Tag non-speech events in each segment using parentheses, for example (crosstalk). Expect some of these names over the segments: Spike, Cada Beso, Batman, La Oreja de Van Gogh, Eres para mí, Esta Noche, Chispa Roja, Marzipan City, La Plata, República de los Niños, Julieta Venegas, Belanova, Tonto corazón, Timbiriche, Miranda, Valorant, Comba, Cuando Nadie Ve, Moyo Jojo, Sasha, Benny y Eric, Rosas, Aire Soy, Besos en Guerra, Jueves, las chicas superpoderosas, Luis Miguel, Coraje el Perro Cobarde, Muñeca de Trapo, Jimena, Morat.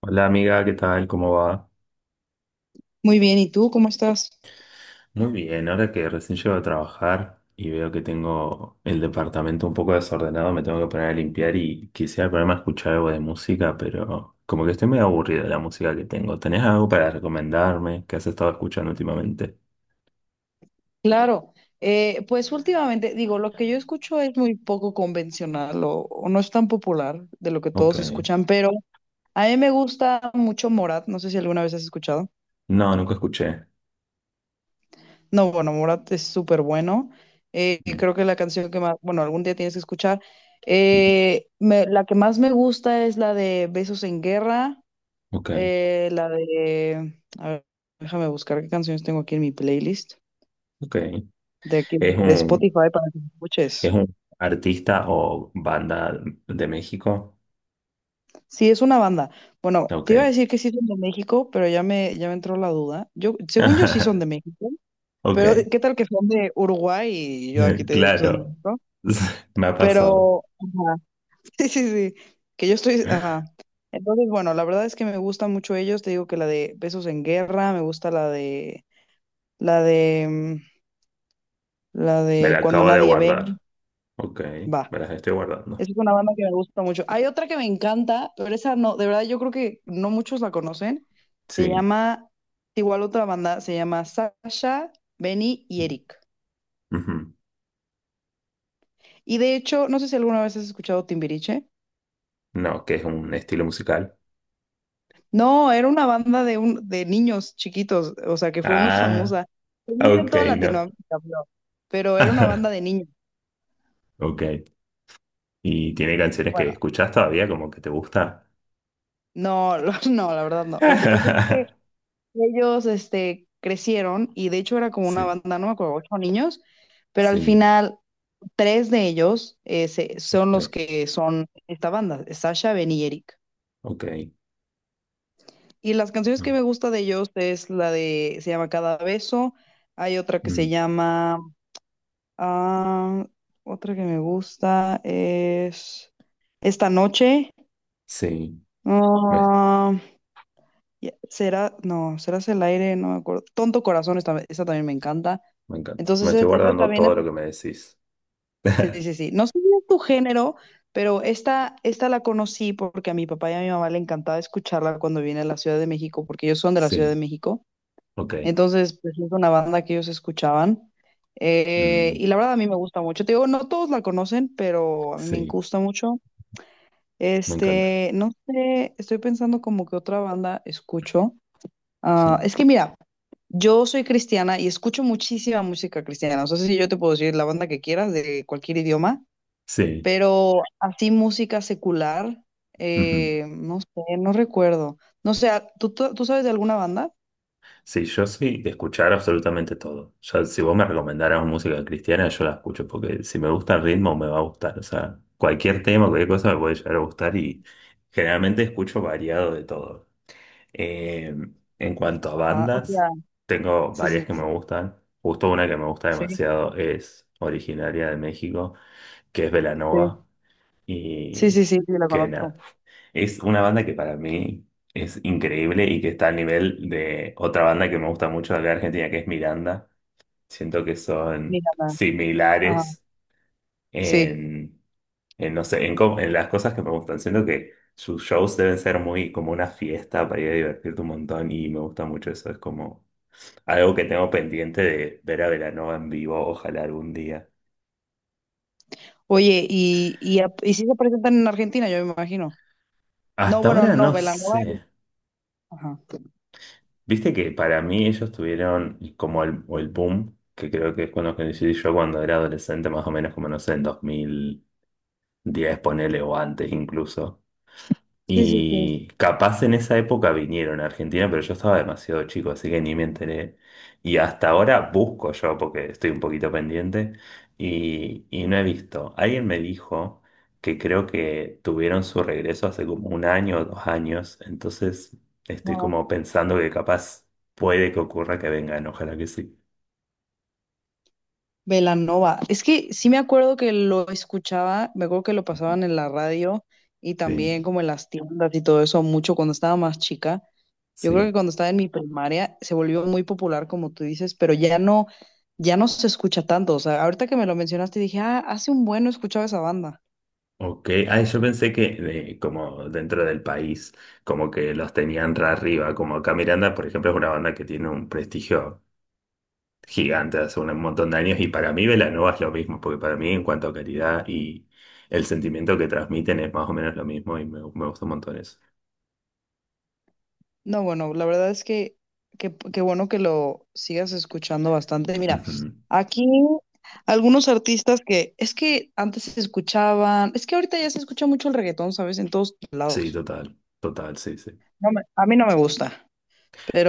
Hola amiga, ¿qué tal? ¿Cómo va? Muy bien, ¿y tú cómo estás? Muy bien, ahora que recién llego a trabajar y veo que tengo el departamento un poco desordenado, me tengo que poner a limpiar y quisiera ponerme a escuchar algo de música, pero como que estoy medio aburrido de la música que tengo. ¿Tenés algo para recomendarme que has estado escuchando últimamente? Claro, pues últimamente, digo, lo que yo escucho es muy poco convencional o no es tan popular de lo que Ok. todos escuchan, pero a mí me gusta mucho Morat, no sé si alguna vez has escuchado. No, nunca escuché. No, bueno, Morat es súper bueno. Mm, Creo que la canción que más, bueno, algún día tienes que escuchar. mm. La que más me gusta es la de Besos en Guerra, Ok, la de, a ver, déjame buscar qué canciones tengo aquí en mi playlist ok. de aquí ¿Es de un, Spotify para que escuches. es un artista o banda de México? Sí, es una banda. Bueno, te iba a Ok. decir que sí son de México, pero ya me entró la duda. Yo, según yo sí son de (laughs) México, pero Ok. ¿qué tal que son de Uruguay? Y yo aquí (laughs) te digo que son de Claro. México. (laughs) Me ha pasado. Pero, ajá, (laughs) sí, sí, sí, que yo estoy, ajá. Entonces, bueno, la verdad es que me gustan mucho ellos. Te digo que la de Besos en Guerra, me gusta la de, mm, la Me de la Cuando acabo de Nadie Ve, guardar. Ok, va. me las estoy guardando. Esa es una banda que me gusta mucho. Hay otra que me encanta, pero esa no, de verdad yo creo que no muchos la conocen. Se Sí. llama, igual otra banda, se llama Sasha, Benny y Eric. Ujú. Y de hecho, no sé si alguna vez has escuchado Timbiriche. No, ¿que es un estilo musical? No, era una banda de, un, de niños chiquitos, o sea, que fue muy Ah, famosa. Tenía en ok, toda no. Latinoamérica, pero era una banda de (laughs) niños. Ok. ¿Y tiene canciones Bueno, que escuchas todavía como que te gusta? no, (laughs) no, la verdad no. Lo que pasa es que (laughs) ellos, este, crecieron y de hecho era como una Sí, banda, no me acuerdo, ocho niños, pero al sí. final tres de ellos son los Ok, que son esta banda, Sasha, Ben y Eric. ok. Y las canciones que Mm, me gusta de ellos es la de, se llama Cada Beso, hay otra que mm. se llama, ah, otra que me gusta es Esta Noche, Sí, me, ah, Ya, Será, no, serás el aire, no me acuerdo. Tonto corazón, esta también me encanta. me encanta. Me Entonces, estoy esa guardando también es. todo lo que me decís. Sí, sí, (laughs) sí, sí. No sé si es tu género, pero esta la conocí porque a mi papá y a mi mamá le encantaba escucharla cuando viene a la Ciudad de México, porque ellos son de la Ciudad de Sí, México. ok. Entonces, pues es una banda que ellos escuchaban. Eh, Mm. y la verdad a mí me gusta mucho. Te digo, no todos la conocen, pero a mí me Sí, gusta mucho. me encanta. Este, no sé, estoy pensando como que otra banda escucho. Ah, Sí, es que mira, yo soy cristiana y escucho muchísima música cristiana. O sea, si yo te puedo decir la banda que quieras de cualquier idioma, sí. pero así música secular, no sé, no recuerdo. No sé, ah, ¿tú sabes de alguna banda? Sí, yo soy de escuchar absolutamente todo. Ya, si vos me recomendaras música cristiana, yo la escucho, porque si me gusta el ritmo, me va a gustar. O sea, cualquier tema, cualquier cosa me puede llegar a gustar y generalmente escucho variado de todo. Eh, en cuanto a Ajá, o bandas, sea, tengo sí, varias sí, que me sí, gustan. Justo una que me gusta sí, demasiado es originaria de México, que es sí, Belanova. sí, sí, Y sí, sí, la que nada, conozco. es una banda que para mí es increíble y que está al nivel de otra banda que me gusta mucho de acá de Argentina, que es Miranda. Siento que son Mira, ajá, similares sí. en, no sé, en las cosas que me gustan. Siento que sus shows deben ser muy como una fiesta para ir a divertirte un montón y me gusta mucho eso. Es como algo que tengo pendiente de ver a Belanova en vivo, ojalá algún día. Oye, y sí se presentan en Argentina, yo me imagino. No, Hasta bueno, ahora no, no Belanova. sé. Ajá. Viste que para mí ellos tuvieron como el, o el boom, que creo que es cuando conocí yo cuando era adolescente, más o menos como no sé, en 2010, ponele o antes incluso, Sí, sí, sí. y capaz en esa época vinieron a Argentina, pero yo estaba demasiado chico, así que ni me enteré. Y hasta ahora busco yo, porque estoy un poquito pendiente, y no he visto. Alguien me dijo que creo que tuvieron su regreso hace como un año o dos años, entonces estoy como pensando que capaz puede que ocurra que vengan, ojalá que sí. Belanova. Es que sí me acuerdo que lo escuchaba, me acuerdo que lo pasaban en la radio y Sí, también como en las tiendas y todo eso mucho cuando estaba más chica. Yo creo que sí. cuando estaba en mi primaria se volvió muy popular, como tú dices, pero ya no, ya no se escucha tanto. O sea, ahorita que me lo mencionaste dije, ah, hace un bueno escuchaba esa banda. Ok, ah, yo pensé que como dentro del país, como que los tenían re arriba, como acá Miranda, por ejemplo, es una banda que tiene un prestigio gigante hace un montón de años y para mí Belanova es lo mismo, porque para mí en cuanto a calidad y el sentimiento que transmiten es más o menos lo mismo y me gusta un montón eso. No, bueno, la verdad es que qué bueno que lo sigas escuchando bastante. Mira, Ujú. aquí algunos artistas que es que antes se escuchaban, es que ahorita ya se escucha mucho el reggaetón, ¿sabes? En todos Sí, lados. total, total, sí, sí. A mí no me gusta,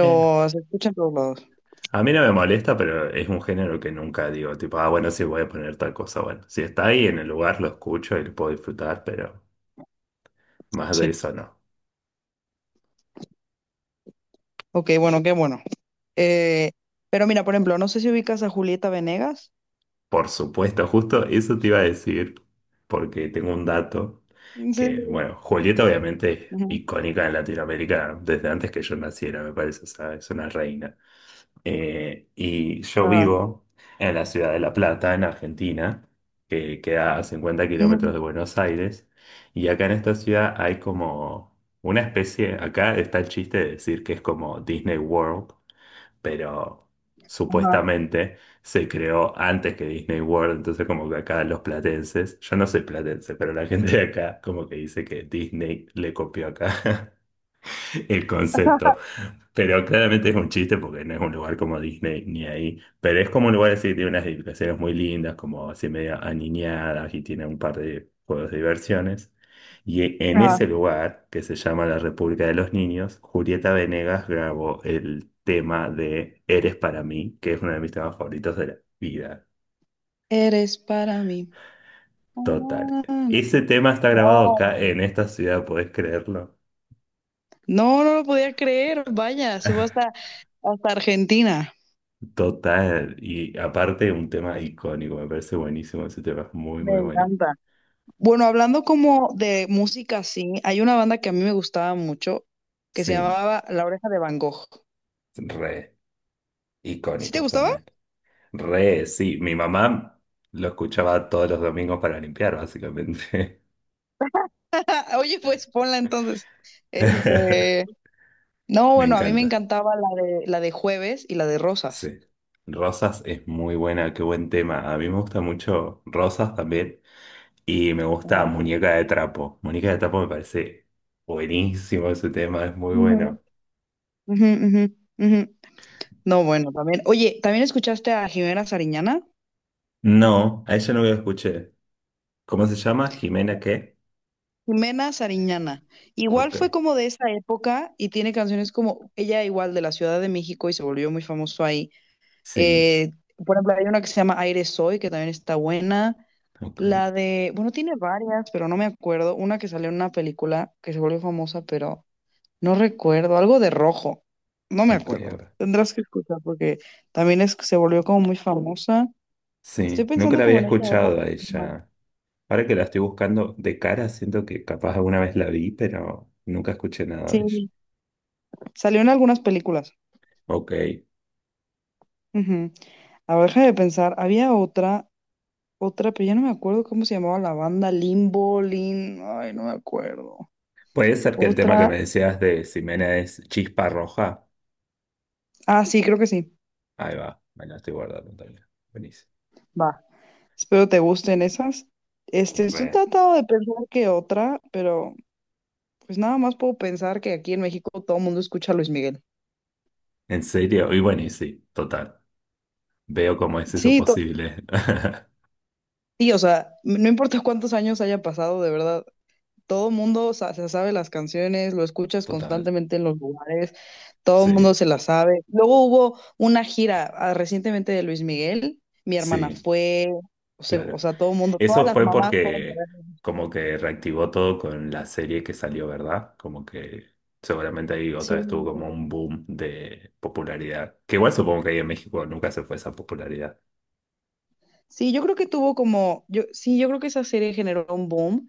Eh, se escucha en todos lados. a mí no me molesta, pero es un género que nunca digo, tipo, ah, bueno, sí voy a poner tal cosa, bueno, si está ahí en el lugar lo escucho y lo puedo disfrutar, pero más de Sí. eso no. Ok, bueno, qué bueno. Eh, pero mira, por ejemplo, no sé si ubicas a Julieta Venegas. Por supuesto, justo eso te iba a decir, porque tengo un dato que, Sí. bueno, Julieta obviamente es Ujú. icónica en Latinoamérica desde antes que yo naciera, me parece, o sea, es una reina. Y yo Ajá. vivo en la ciudad de La Plata, en Argentina, que queda a 50 Ujú. kilómetros de Buenos Aires, y acá en esta ciudad hay como una especie, acá está el chiste de decir que es como Disney World, pero Ajá. supuestamente se creó antes que Disney World, entonces como que acá los platenses, yo no soy platense, pero la gente de acá como que dice que Disney le copió acá (laughs) el concepto. Pero claramente es un chiste porque no es un lugar como Disney ni ahí. Pero es como un lugar así que tiene unas edificaciones muy lindas, como así media aniñadas y tiene un par de juegos de diversiones. Y en Ajá. ese lugar, que se llama la República de los Niños, Julieta Venegas grabó el tema de Eres para mí, que es uno de mis temas favoritos de la vida. Eres para mí. Ah. Total. Ese tema está No. grabado acá en esta ciudad, ¿podés creerlo? No, no lo podía creer, vaya, se fue hasta, hasta Argentina. Total, y aparte un tema icónico, me parece buenísimo ese tema, es muy, Me muy bueno. encanta. Bueno, hablando como de música, sí, hay una banda que a mí me gustaba mucho que se Sí, llamaba La Oreja de Van Gogh. re, ¿Sí te icónicos gustaba? también. Re, sí, mi mamá lo escuchaba todos los domingos para limpiar, básicamente. (laughs) Oye, pues ponla entonces. Este, (laughs) no, Me bueno, a mí me encanta, encantaba la de Jueves y la de Rosas. sí. Rosas es muy buena, qué buen tema. A mí me gusta mucho Rosas también, y me gusta Ajá. Muñeca de Trapo. Muñeca de Trapo me parece buenísimo ese tema, es muy Ujú. bueno. Ujú, ujú, ujú. No, bueno, también. Oye, ¿también escuchaste a Jimena Sariñana? No, a ella no lo escuché. ¿Cómo se llama? ¿Jimena qué? Jimena Sariñana. Igual Ok. fue como de esa época y tiene canciones como ella igual de la Ciudad de México y se volvió muy famoso ahí. Sí, Eh, por ejemplo, hay una que se llama Aire Soy, que también está buena. ok, La de, bueno, tiene varias, pero no me acuerdo. Una que salió en una película que se volvió famosa, pero no recuerdo. Algo de rojo. No me ok, acuerdo. ahora. Tendrás que escuchar porque también es, se volvió como muy famosa. Estoy Sí, nunca pensando la como había en esa época. escuchado a ella. Ahora que la estoy buscando de cara, siento que capaz alguna vez la vi, pero nunca escuché nada de ella. Sí, salió en algunas películas. Ok. Ujú. A ver, de pensar. Había otra, pero ya no me acuerdo cómo se llamaba la banda. Limbo, Lin. Ay, no me acuerdo. Puede ser que el tema que Otra. me decías de Jimena es Chispa Roja. Ah, sí, creo que sí. Ahí va, me la estoy guardando también. Buenísimo. Va. Espero te gusten esas. Este, estoy Re. tratando de pensar que otra, pero pues nada más puedo pensar que aquí en México todo el mundo escucha a Luis Miguel. ¿En serio? Y bueno, y sí, total. Veo cómo es eso Sí, posible. (laughs) sí, o sea, no importa cuántos años haya pasado, de verdad. Todo el mundo se sabe las canciones, lo escuchas Total. constantemente en los lugares, todo el mundo Sí, se las sabe. Luego hubo una gira ah, recientemente de Luis Miguel, mi hermana sí, fue, o sea, o claro. sea, todo el mundo, todas Eso las fue mamás fueron a porque verlo. como que reactivó todo con la serie que salió, ¿verdad? Como que seguramente ahí otra Sí, vez tuvo como un boom de popularidad. Que igual supongo que ahí en México nunca se fue esa popularidad. sí, yo creo que tuvo como, yo, sí, yo creo que esa serie generó un boom,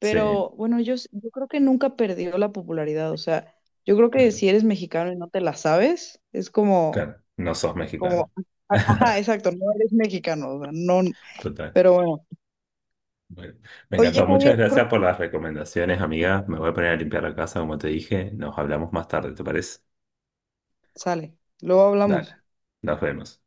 Sí, bueno, yo creo que nunca perdió la popularidad, o sea, yo creo que claro. si eres mexicano y no te la sabes, es como, Claro, no sos mexicano. como, ajá, exacto, no eres mexicano, o sea, no, Total. pero bueno. Bueno, me Oye, encantó. Javier, Muchas creo gracias por que las recomendaciones, amiga. Me voy a poner a limpiar la casa, como te dije. Nos hablamos más tarde, ¿te parece? sale. Luego Dale. hablamos. Nos vemos.